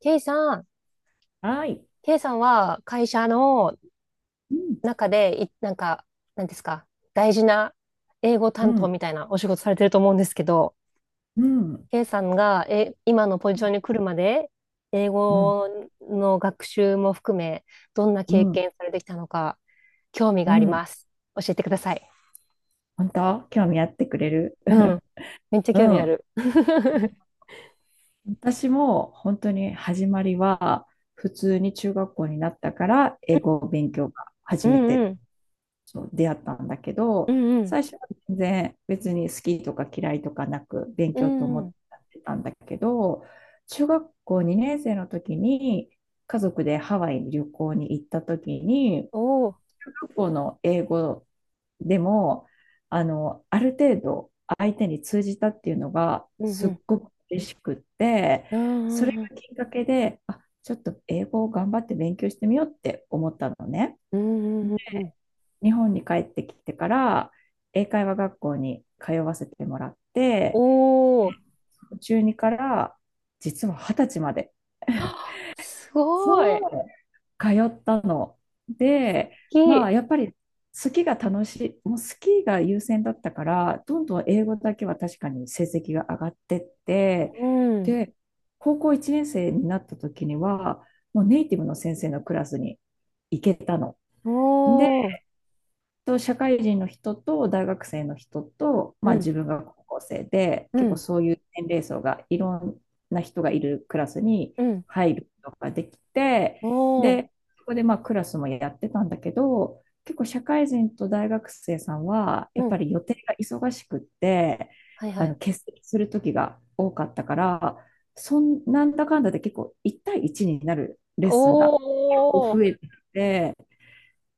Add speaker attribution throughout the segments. Speaker 1: K さん、
Speaker 2: はい。
Speaker 1: K さんは会社の
Speaker 2: うん、
Speaker 1: 中でい、なんか、なんですか、大事な英語
Speaker 2: う
Speaker 1: 担当
Speaker 2: ん、
Speaker 1: みたいなお仕事されてると思うんですけど、
Speaker 2: うん、
Speaker 1: K さんが今のポジションに来るまで、英
Speaker 2: うん、うん、
Speaker 1: 語の学習も含め、どんな
Speaker 2: う
Speaker 1: 経
Speaker 2: ん。
Speaker 1: 験されてきたのか、興味が
Speaker 2: う
Speaker 1: あり
Speaker 2: ん、
Speaker 1: ます。教えてください。
Speaker 2: 本当興味あってくれる
Speaker 1: うん、めっちゃ
Speaker 2: う
Speaker 1: 興味あ
Speaker 2: ん。
Speaker 1: る。
Speaker 2: 私も本当に始まりは、普通に中学校になったから、英語を勉強が
Speaker 1: う
Speaker 2: 初め
Speaker 1: んう
Speaker 2: て
Speaker 1: ん、
Speaker 2: そう出会ったんだけ
Speaker 1: う
Speaker 2: ど、
Speaker 1: んうん、
Speaker 2: 最初は全然別に好きとか嫌いとかなく勉
Speaker 1: う
Speaker 2: 強と
Speaker 1: ん
Speaker 2: 思
Speaker 1: う
Speaker 2: っ
Speaker 1: ん、
Speaker 2: てたんだけど、中学校2年生の時に家族でハワイに旅行に行った時に、
Speaker 1: おおー、
Speaker 2: 中学校の英語でも、ある程度相手に通じたっていうのが
Speaker 1: うんう
Speaker 2: すっ
Speaker 1: ん、
Speaker 2: ごく嬉しくって、
Speaker 1: う
Speaker 2: それ
Speaker 1: んうん、
Speaker 2: がきっかけで、あ、ちょっと英語を頑張って勉強してみようって思ったのね。
Speaker 1: うんうん、うんうん、
Speaker 2: 日本に帰ってきてから、英会話学校に通わせてもらっ
Speaker 1: お
Speaker 2: て、
Speaker 1: お、
Speaker 2: 中2から実は20歳まで。
Speaker 1: あすごい。
Speaker 2: そう通ったの。で、
Speaker 1: き、
Speaker 2: まあ、やっぱりスキーが楽しい、もうスキーが優先だったから、どんどん英語だけは確かに成績が上がってって、
Speaker 1: うん。
Speaker 2: で、高校1年生になった時には、もうネイティブの先生のクラスに行けたの。
Speaker 1: おー。
Speaker 2: と社会人の人と大学生の人と、
Speaker 1: う
Speaker 2: まあ、
Speaker 1: ん。
Speaker 2: 自分が高校生で
Speaker 1: う
Speaker 2: 結構
Speaker 1: ん。
Speaker 2: そういう年齢層がいろんな人がいるクラスに
Speaker 1: うん。
Speaker 2: 入ることができて、
Speaker 1: お
Speaker 2: で、
Speaker 1: ー。
Speaker 2: そこでまあクラスもやってたんだけど、結構社会人と大学生さんはや
Speaker 1: う
Speaker 2: っぱ
Speaker 1: ん。
Speaker 2: り予定が忙しくって、
Speaker 1: はいはい。
Speaker 2: 欠席する時が多かったから、そんなんだかんだで結構1対1になるレッスン
Speaker 1: お
Speaker 2: が増
Speaker 1: ー、
Speaker 2: えてて。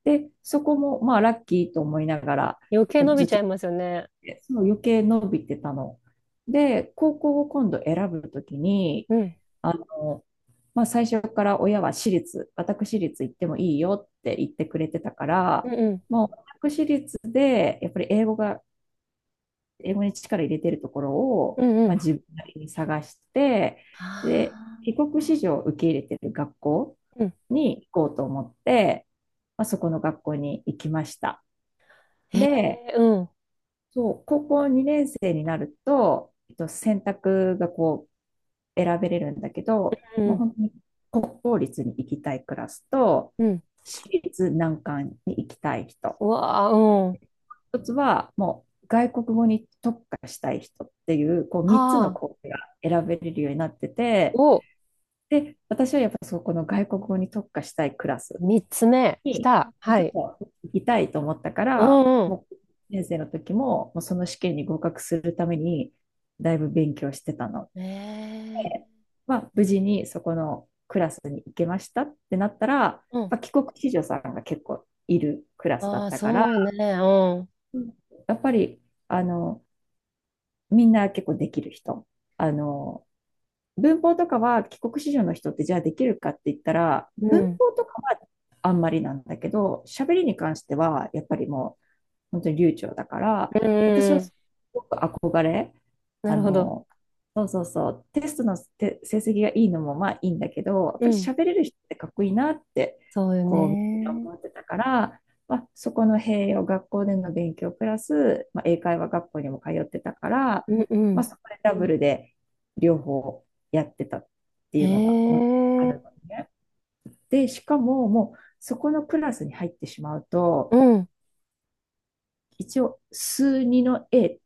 Speaker 2: で、そこも、まあ、ラッキーと思いながら、
Speaker 1: 余計
Speaker 2: こう
Speaker 1: 伸び
Speaker 2: ずっ
Speaker 1: ちゃ
Speaker 2: と、
Speaker 1: いますよね。
Speaker 2: その余計伸びてたの。で、高校を今度選ぶときに、
Speaker 1: うん。
Speaker 2: あの、まあ、最初から親は私立行ってもいいよって言ってくれてたか
Speaker 1: う
Speaker 2: ら、
Speaker 1: んうん。
Speaker 2: もう私立で、やっぱり英語が、英語に力入れてるところを、
Speaker 1: うんう
Speaker 2: まあ、
Speaker 1: ん。
Speaker 2: 自分なりに探して、で、
Speaker 1: あ
Speaker 2: 帰国子女を受け入れてる学校
Speaker 1: ーうん。
Speaker 2: に行こうと思って、まあ、そこの学校に行きました。
Speaker 1: ーへ
Speaker 2: で、
Speaker 1: え、うん。
Speaker 2: そう、高校2年生になると、選択がこう選べれるんだけど、
Speaker 1: う
Speaker 2: もう
Speaker 1: ん。
Speaker 2: 本当に国公立に行きたいクラスと、
Speaker 1: うん。
Speaker 2: 私立難関に行きたい人、
Speaker 1: うわあ、うん。
Speaker 2: 一つはもう外国語に特化したい人っていう、こう3つの
Speaker 1: ああ、
Speaker 2: コースが選べれるようになってて、
Speaker 1: お、
Speaker 2: で、私はやっぱそこの外国語に特化したいクラス
Speaker 1: 三つ目、来
Speaker 2: に、
Speaker 1: た。は
Speaker 2: 実
Speaker 1: い。
Speaker 2: は行きたいと思ったか
Speaker 1: う
Speaker 2: ら、
Speaker 1: んうん。
Speaker 2: もう、先生の時も、もうその試験に合格するために、だいぶ勉強してたの
Speaker 1: え
Speaker 2: で、
Speaker 1: え、
Speaker 2: まあ、無事にそこのクラスに行けましたってなったら、やっ
Speaker 1: うん。
Speaker 2: ぱ帰国子女さんが結構いるクラスだ
Speaker 1: あ
Speaker 2: っ
Speaker 1: あ、
Speaker 2: たから、
Speaker 1: そうね、うん。
Speaker 2: やっぱり、あの、みんな結構できる人。あの、文法とかは帰国子女の人ってじゃあできるかって言ったら、
Speaker 1: う
Speaker 2: 文
Speaker 1: ん。
Speaker 2: 法とかはあんまりなんだけど、喋りに関してはやっぱりも本当に流暢だから、
Speaker 1: うんうんうん
Speaker 2: 私
Speaker 1: うんうんあうんーへえうんうんう
Speaker 2: は
Speaker 1: んうわあ
Speaker 2: すごく憧れ、
Speaker 1: うんあーお三つ目来たはいうんうんえーうんああそうねうんうんうんうんうんな
Speaker 2: あ
Speaker 1: るほど。
Speaker 2: の、そうそうそう、テストのて成績がいいのもまあいいんだけど、やっ
Speaker 1: う
Speaker 2: ぱり
Speaker 1: ん
Speaker 2: 喋れる人ってかっこいいなって、
Speaker 1: そうよ
Speaker 2: こう、
Speaker 1: ね。
Speaker 2: 思ってたから、まあ、そこの併用、学校での勉強プラス、まあ、英会話学校にも通ってたから、
Speaker 1: うんう
Speaker 2: まあ、
Speaker 1: ん。
Speaker 2: そこでダブルで両方やってたってい
Speaker 1: ええ
Speaker 2: うのが、まあ、あるのね。で、しかも、もう、そこのクラスに入ってしまう
Speaker 1: う
Speaker 2: と、
Speaker 1: ん、うん、
Speaker 2: 一応数2の A っ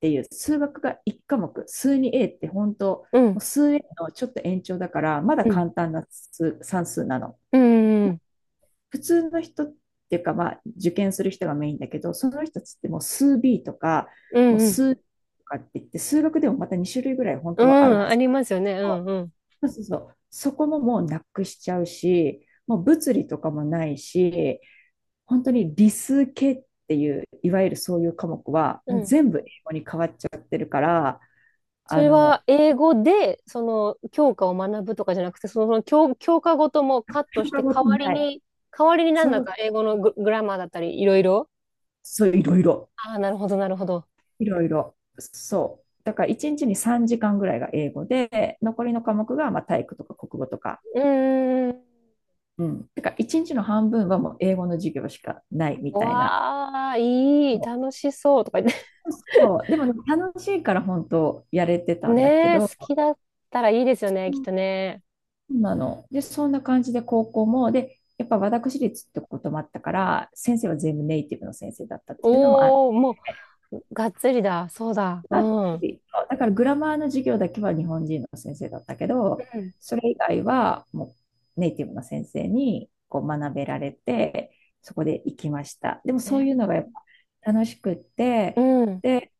Speaker 2: ていう数学が1科目、数 2A って本当、も
Speaker 1: うん、
Speaker 2: う数 A のちょっと延長だから、まだ
Speaker 1: うん、
Speaker 2: 簡単な数算数なの。
Speaker 1: うん、うん、
Speaker 2: 普通の人っていうか、まあ、受験する人がメインだけど、その人たちってもう数 B とか、
Speaker 1: う
Speaker 2: もう
Speaker 1: ん、
Speaker 2: 数とかって言って、数学でもまた2種類ぐらい本
Speaker 1: う
Speaker 2: 当はある
Speaker 1: ん
Speaker 2: は
Speaker 1: あ
Speaker 2: ず。
Speaker 1: りますよね。うん、うん、
Speaker 2: そうそうそう。そこももうなくしちゃうし、もう物理とかもないし、本当に理数系っていう、いわゆるそういう科目は、
Speaker 1: う
Speaker 2: もう
Speaker 1: ん。
Speaker 2: 全部英語に変わっちゃうから、
Speaker 1: そ
Speaker 2: あ
Speaker 1: れは
Speaker 2: の、
Speaker 1: 英語で、その、教科を学ぶとかじゃなくて、その、教科ごともカット
Speaker 2: 教
Speaker 1: して、
Speaker 2: 科ご
Speaker 1: 代
Speaker 2: とに
Speaker 1: わり
Speaker 2: ない。
Speaker 1: に、代わりにな
Speaker 2: そ
Speaker 1: んだ
Speaker 2: う、
Speaker 1: か英語のグラマーだったり、いろいろ。
Speaker 2: そう、いろいろ。
Speaker 1: ああ、なるほど、なるほど。
Speaker 2: いろいろ。そう。だから1日に3時間ぐらいが英語で、残りの科目がまあ体育とか国語とか。
Speaker 1: うーん。
Speaker 2: うん。だから1日の半分はもう英語の授業しかないみたいな。
Speaker 1: わあ、いい、
Speaker 2: そ
Speaker 1: 楽しそうとか言って。
Speaker 2: う そう。でも楽しいから本当やれてたんだけ
Speaker 1: ねえ、好
Speaker 2: ど、
Speaker 1: きだったらいいですよね、きっとね。
Speaker 2: そうなの。で、そんな感じで高校も、で、やっぱ私立ってこともあったから、先生は全部ネイティブの先生だったっていうのもあっ
Speaker 1: おー、もう、がっつりだ。そうだ。
Speaker 2: た
Speaker 1: うん。
Speaker 2: り、だからグラマーの授業だけは日本人の先生だったけど、
Speaker 1: うん。
Speaker 2: それ以外はもうネイティブの先生にこう学べられて、そこで行きました。でもそういうのが
Speaker 1: ね
Speaker 2: やっぱ楽しくって、
Speaker 1: うん。
Speaker 2: で、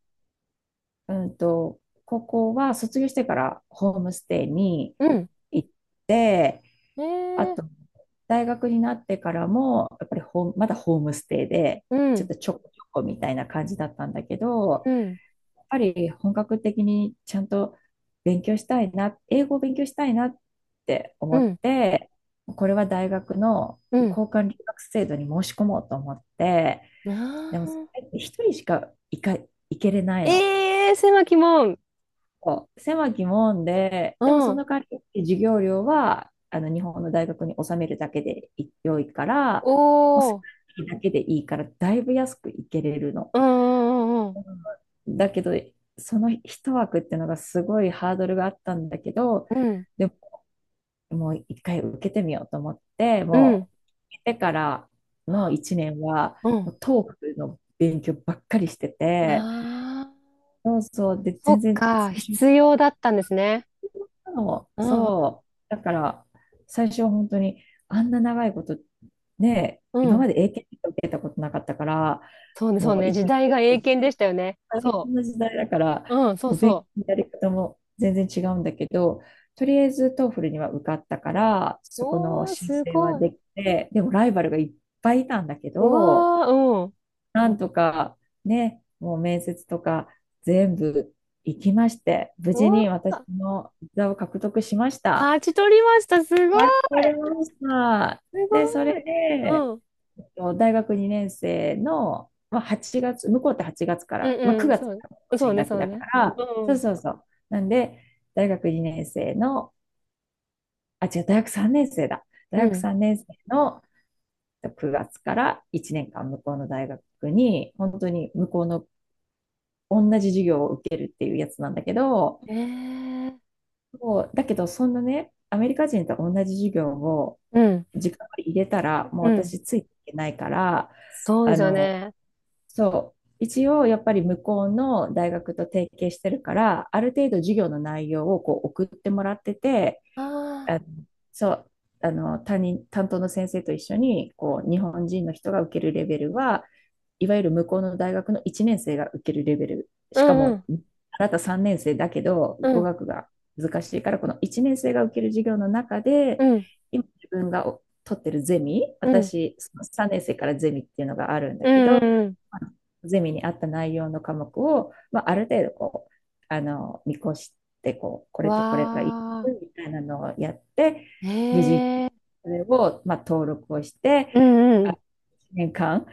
Speaker 2: うんと、高校は卒業してからホームステイに
Speaker 1: うん。
Speaker 2: 行って、
Speaker 1: ね
Speaker 2: あと、
Speaker 1: え。
Speaker 2: 大学になってからも、やっぱりホームまだホームステイで、
Speaker 1: う
Speaker 2: ちょっ
Speaker 1: ん。
Speaker 2: とちょこちょこみたいな感じだったんだけど、
Speaker 1: うん。
Speaker 2: やっぱり本格的にちゃんと勉強したいな、英語を勉強したいなって
Speaker 1: う
Speaker 2: 思っ
Speaker 1: ん。
Speaker 2: て、これは大学の
Speaker 1: うん。
Speaker 2: 交換留学制度に申し込もうと思って、
Speaker 1: あ
Speaker 2: でもそ
Speaker 1: あ。
Speaker 2: れって一人しか行けれないの。
Speaker 1: ええー、狭き門。
Speaker 2: そう狭き門で、
Speaker 1: う
Speaker 2: でもそ
Speaker 1: ん。
Speaker 2: の代わり授業料は日本の大学に納めるだけで良いから、
Speaker 1: お
Speaker 2: もう少し
Speaker 1: お。
Speaker 2: だけでいいから、だいぶ安くいけれるの。
Speaker 1: うんうん
Speaker 2: うん、だけど、その一枠っていうのがすごいハードルがあったんだけど、
Speaker 1: うんうん。
Speaker 2: でも、もう一回受けてみようと思って、
Speaker 1: うん。うん。
Speaker 2: もう、受けてからの一年は、
Speaker 1: う
Speaker 2: もうトークの勉強ばっかりして
Speaker 1: ん。
Speaker 2: て、
Speaker 1: ああ。
Speaker 2: そうそう、で、
Speaker 1: そ
Speaker 2: 全
Speaker 1: っ
Speaker 2: 然
Speaker 1: か。
Speaker 2: 最初
Speaker 1: 必要だったんですね。
Speaker 2: そ
Speaker 1: う
Speaker 2: う、
Speaker 1: んうん
Speaker 2: そうだから、最初は本当に、あんな長いこと、ね、
Speaker 1: う
Speaker 2: 今
Speaker 1: ん。
Speaker 2: まで英検とか受けたことなかったから、
Speaker 1: そうね、そう
Speaker 2: もう
Speaker 1: ね。
Speaker 2: 一気
Speaker 1: 時
Speaker 2: に
Speaker 1: 代が英
Speaker 2: 勉
Speaker 1: 検
Speaker 2: 強
Speaker 1: で
Speaker 2: して
Speaker 1: したよね。
Speaker 2: 大
Speaker 1: そ
Speaker 2: 変な時代だから、
Speaker 1: う。うん、そう
Speaker 2: もう勉強
Speaker 1: そ
Speaker 2: のやり方も全然違うんだけど、とりあえず TOEFL には受かったから、
Speaker 1: う。
Speaker 2: そこの
Speaker 1: おー、
Speaker 2: 申
Speaker 1: す
Speaker 2: 請は
Speaker 1: ごい。
Speaker 2: できて、でもライバルがいっぱいいたんだけ
Speaker 1: う
Speaker 2: ど、
Speaker 1: わー、うん。
Speaker 2: なんとかね、もう面接とか全部行きまして、無
Speaker 1: う
Speaker 2: 事
Speaker 1: わ
Speaker 2: に私
Speaker 1: ー。
Speaker 2: の座を獲得しました。
Speaker 1: 勝ち取りました。すごい。
Speaker 2: 待ち取れました。
Speaker 1: す
Speaker 2: で、そ
Speaker 1: ご
Speaker 2: れで、
Speaker 1: い。うん。
Speaker 2: 大学2年生の、まあ、8月、向こうって8月か
Speaker 1: う
Speaker 2: ら、まあ、
Speaker 1: んうん。
Speaker 2: 9月
Speaker 1: そう。
Speaker 2: から
Speaker 1: そう
Speaker 2: 新
Speaker 1: ね、
Speaker 2: 学期
Speaker 1: そう
Speaker 2: だか
Speaker 1: ね。
Speaker 2: ら、
Speaker 1: う
Speaker 2: そう
Speaker 1: ん。
Speaker 2: そうそう。なんで、大学2年生の、あ、違う、大学3年生だ。
Speaker 1: う
Speaker 2: 大学
Speaker 1: ん。
Speaker 2: 3年生の9月から1年間向こうの大学に、本当に向こうの同じ授業を受けるっていうやつなんだけど、
Speaker 1: ええ
Speaker 2: もうだけど、そんなね、アメリカ人と同じ授業を
Speaker 1: うん。
Speaker 2: 時間を入れたら、もう
Speaker 1: うん。
Speaker 2: 私ついていけないから、
Speaker 1: そうで
Speaker 2: あ
Speaker 1: すよ
Speaker 2: の、
Speaker 1: ね。
Speaker 2: そう、一応やっぱり向こうの大学と提携してるから、ある程度授業の内容をこう送ってもらってて、
Speaker 1: あ
Speaker 2: あ、
Speaker 1: あ。
Speaker 2: そう、担任担当の先生と一緒にこう日本人の人が受けるレベルはいわゆる向こうの大学の1年生が受けるレベル、
Speaker 1: う
Speaker 2: しか
Speaker 1: んう
Speaker 2: も、
Speaker 1: ん。
Speaker 2: まあ、なた3年生だけど
Speaker 1: う
Speaker 2: 語
Speaker 1: ん。
Speaker 2: 学が難しいから、この1年生が受ける授業の中
Speaker 1: う
Speaker 2: で
Speaker 1: ん。
Speaker 2: 今自分が取ってるゼミ、
Speaker 1: うん。
Speaker 2: 私そ3年生からゼミっていうのがあるんだ
Speaker 1: う
Speaker 2: け
Speaker 1: んう
Speaker 2: ど、
Speaker 1: んうん。
Speaker 2: ゼミに合った内容の科目を、まあ、ある程度こう見越してこうこれとこれがいい
Speaker 1: わあ。
Speaker 2: みたいなのをやって、無事、
Speaker 1: ええ
Speaker 2: それを、まあ、登録をして、
Speaker 1: うんう
Speaker 2: あ、
Speaker 1: ん。
Speaker 2: 一年間、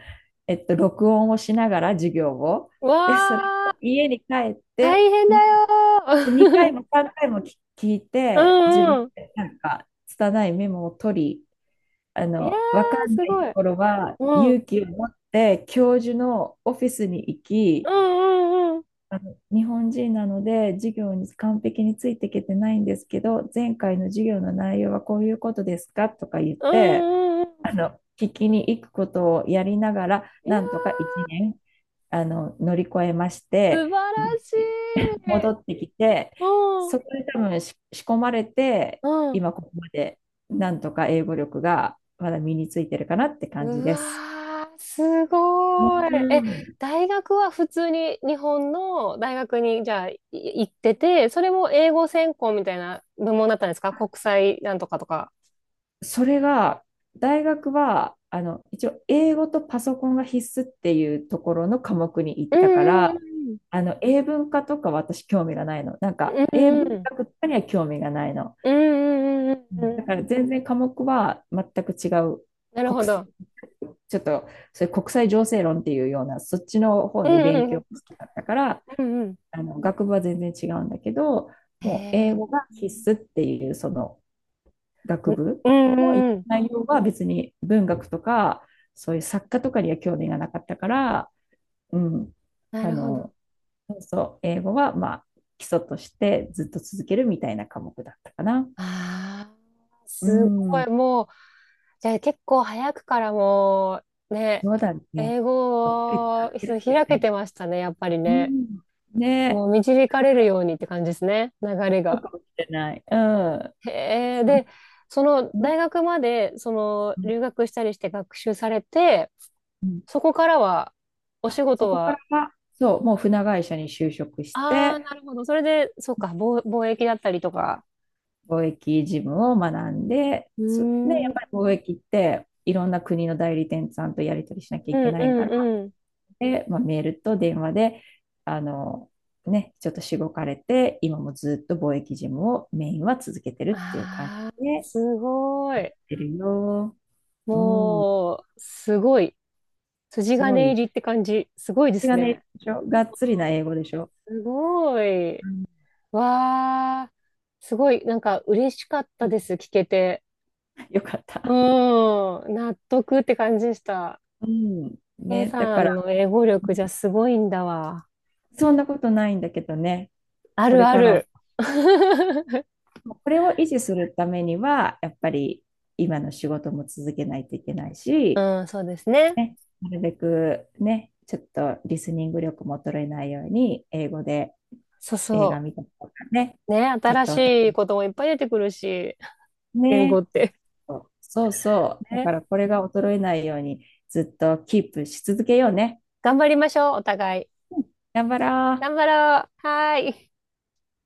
Speaker 2: 録音をしながら授業を、で、それ
Speaker 1: わあ。
Speaker 2: を家に帰っ
Speaker 1: 大
Speaker 2: て、
Speaker 1: 変だ
Speaker 2: も
Speaker 1: よ
Speaker 2: う2回
Speaker 1: ー。
Speaker 2: も3回も聞聞い
Speaker 1: う
Speaker 2: て、自
Speaker 1: ん
Speaker 2: 分
Speaker 1: うん。
Speaker 2: でなんか、拙いメモを取り、
Speaker 1: いや
Speaker 2: わか
Speaker 1: ー、
Speaker 2: ん
Speaker 1: す
Speaker 2: ない
Speaker 1: ご
Speaker 2: と
Speaker 1: い。
Speaker 2: ころは
Speaker 1: うん。うん
Speaker 2: 勇気を持って、教授のオフィスに行
Speaker 1: う
Speaker 2: き、
Speaker 1: んうん。
Speaker 2: 日本人なので授業に完璧についていけてないんですけど、前回の授業の内容はこういうことですかとか言っ
Speaker 1: うん
Speaker 2: て、
Speaker 1: うんうん。
Speaker 2: 聞きに行くことをやりながら、
Speaker 1: いや
Speaker 2: なんとか
Speaker 1: ー
Speaker 2: 1年、乗り越えまし
Speaker 1: 素晴
Speaker 2: て、で
Speaker 1: らしい。
Speaker 2: 戻ってきて、
Speaker 1: うん、
Speaker 2: そこで多分仕込まれて、
Speaker 1: うん。
Speaker 2: 今ここまでなんとか英語力がまだ身についてるかなって感じ
Speaker 1: う
Speaker 2: です。
Speaker 1: わー、す
Speaker 2: う
Speaker 1: ごい。え、
Speaker 2: ん、
Speaker 1: 大学は普通に日本の大学にじゃあ行ってて、それも英語専攻みたいな部門だったんですか国際なんとかとか。
Speaker 2: それが、大学は、一応、英語とパソコンが必須っていうところの科目に行っ
Speaker 1: う
Speaker 2: たか
Speaker 1: んう
Speaker 2: ら、
Speaker 1: ん
Speaker 2: 英文化とか私興味がないの。なんか、
Speaker 1: う
Speaker 2: 英
Speaker 1: ん
Speaker 2: 文
Speaker 1: うん。
Speaker 2: 学とかには興味がないの。
Speaker 1: うんうんうん
Speaker 2: う
Speaker 1: うんうんう
Speaker 2: ん、
Speaker 1: んう
Speaker 2: だか
Speaker 1: ん。
Speaker 2: ら全然科目は全く違う
Speaker 1: なる
Speaker 2: 国
Speaker 1: ほ
Speaker 2: す、
Speaker 1: ど。
Speaker 2: ちょっとそれ国際情勢論っていうようなそっちの方
Speaker 1: う
Speaker 2: に勉
Speaker 1: んう
Speaker 2: 強
Speaker 1: ん
Speaker 2: したかったから、
Speaker 1: うんうん。
Speaker 2: 学部は全然違うんだけど、
Speaker 1: へ
Speaker 2: もう英
Speaker 1: え。
Speaker 2: 語が必須っていうその
Speaker 1: う
Speaker 2: 学
Speaker 1: ん
Speaker 2: 部、
Speaker 1: う
Speaker 2: でも行っ
Speaker 1: んう
Speaker 2: た
Speaker 1: ん。
Speaker 2: 内容は別に文学とか、そういう作家とかには興味がなかったから、うん、
Speaker 1: な
Speaker 2: あ
Speaker 1: るほど。
Speaker 2: の、そう、英語はまあ基礎としてずっと続けるみたいな科目だったかな。
Speaker 1: ああ、
Speaker 2: う
Speaker 1: すごい。
Speaker 2: ん、
Speaker 1: もう、じゃあ結構早くからもう、ね、
Speaker 2: そうだね。
Speaker 1: 英
Speaker 2: そっくり
Speaker 1: 語
Speaker 2: 使っ
Speaker 1: を
Speaker 2: て
Speaker 1: そう
Speaker 2: るんだよ
Speaker 1: 開け
Speaker 2: ね。
Speaker 1: てましたね、やっぱり
Speaker 2: う
Speaker 1: ね。
Speaker 2: ん。
Speaker 1: も
Speaker 2: ね、
Speaker 1: う導かれるようにって感じですね、流れ
Speaker 2: そう
Speaker 1: が。
Speaker 2: かもしれない。うん。
Speaker 1: へえ、で、その
Speaker 2: うん、
Speaker 1: 大学まで、その
Speaker 2: うん、
Speaker 1: 留学したりして学習されて、
Speaker 2: うん、
Speaker 1: そこからは、お
Speaker 2: あ、
Speaker 1: 仕
Speaker 2: そ
Speaker 1: 事
Speaker 2: こから
Speaker 1: は、
Speaker 2: は、そう、もう船会社に就職し
Speaker 1: ああ、
Speaker 2: て、
Speaker 1: なるほど。それで、そうか、貿易だったりとか。
Speaker 2: 貿易事務を学んで、
Speaker 1: うー
Speaker 2: そ、ね、
Speaker 1: ん、う
Speaker 2: や
Speaker 1: ん、
Speaker 2: っぱり貿易っていろんな国の代理店さんとやり取りしなきゃ
Speaker 1: う
Speaker 2: いけ
Speaker 1: ん、
Speaker 2: ないから、
Speaker 1: うん。
Speaker 2: で、まあ、メールと電話で、あの、ね、ちょっとしごかれて、今もずっと貿易事務をメインは続けてるっていう感
Speaker 1: ああ、
Speaker 2: じでやっ
Speaker 1: すごい。
Speaker 2: てるよ。うん、
Speaker 1: もう、すごい。筋
Speaker 2: すご
Speaker 1: 金
Speaker 2: い。
Speaker 1: 入りって感じ。すごいで
Speaker 2: それ
Speaker 1: す
Speaker 2: がね、
Speaker 1: ね。
Speaker 2: でしょがっつりな英語でしょ。
Speaker 1: すごい。
Speaker 2: うん、
Speaker 1: わあ、すごい、なんか嬉しかったです、聞けて。
Speaker 2: よかっ
Speaker 1: う
Speaker 2: た。
Speaker 1: ん、納得って感じでした。
Speaker 2: うん、
Speaker 1: K
Speaker 2: ね、だ
Speaker 1: さ
Speaker 2: か
Speaker 1: ん
Speaker 2: ら、
Speaker 1: の英語力じゃすごいんだわ。
Speaker 2: そんなことないんだけどね、
Speaker 1: あ
Speaker 2: こ
Speaker 1: る
Speaker 2: れ
Speaker 1: あ
Speaker 2: から
Speaker 1: る。
Speaker 2: これを維持するためには、やっぱり今の仕事も続けないといけないし、
Speaker 1: うん、そうですね。
Speaker 2: ね、なるべくね、ちょっとリスニング力も衰えないように、英語で
Speaker 1: そう
Speaker 2: 映画
Speaker 1: そ
Speaker 2: 見たりとかね、
Speaker 1: う。ね、
Speaker 2: ちょっ
Speaker 1: 新
Speaker 2: と
Speaker 1: し
Speaker 2: お互
Speaker 1: い
Speaker 2: い
Speaker 1: こともいっぱい出てくるし、言語
Speaker 2: ね、
Speaker 1: って。
Speaker 2: そうそうそう、だか
Speaker 1: ね。
Speaker 2: らこれが衰えないようにずっとキープし続けようね。
Speaker 1: 頑張りましょう、お互い。
Speaker 2: うん、頑張ろう。
Speaker 1: 頑張ろう。はーい。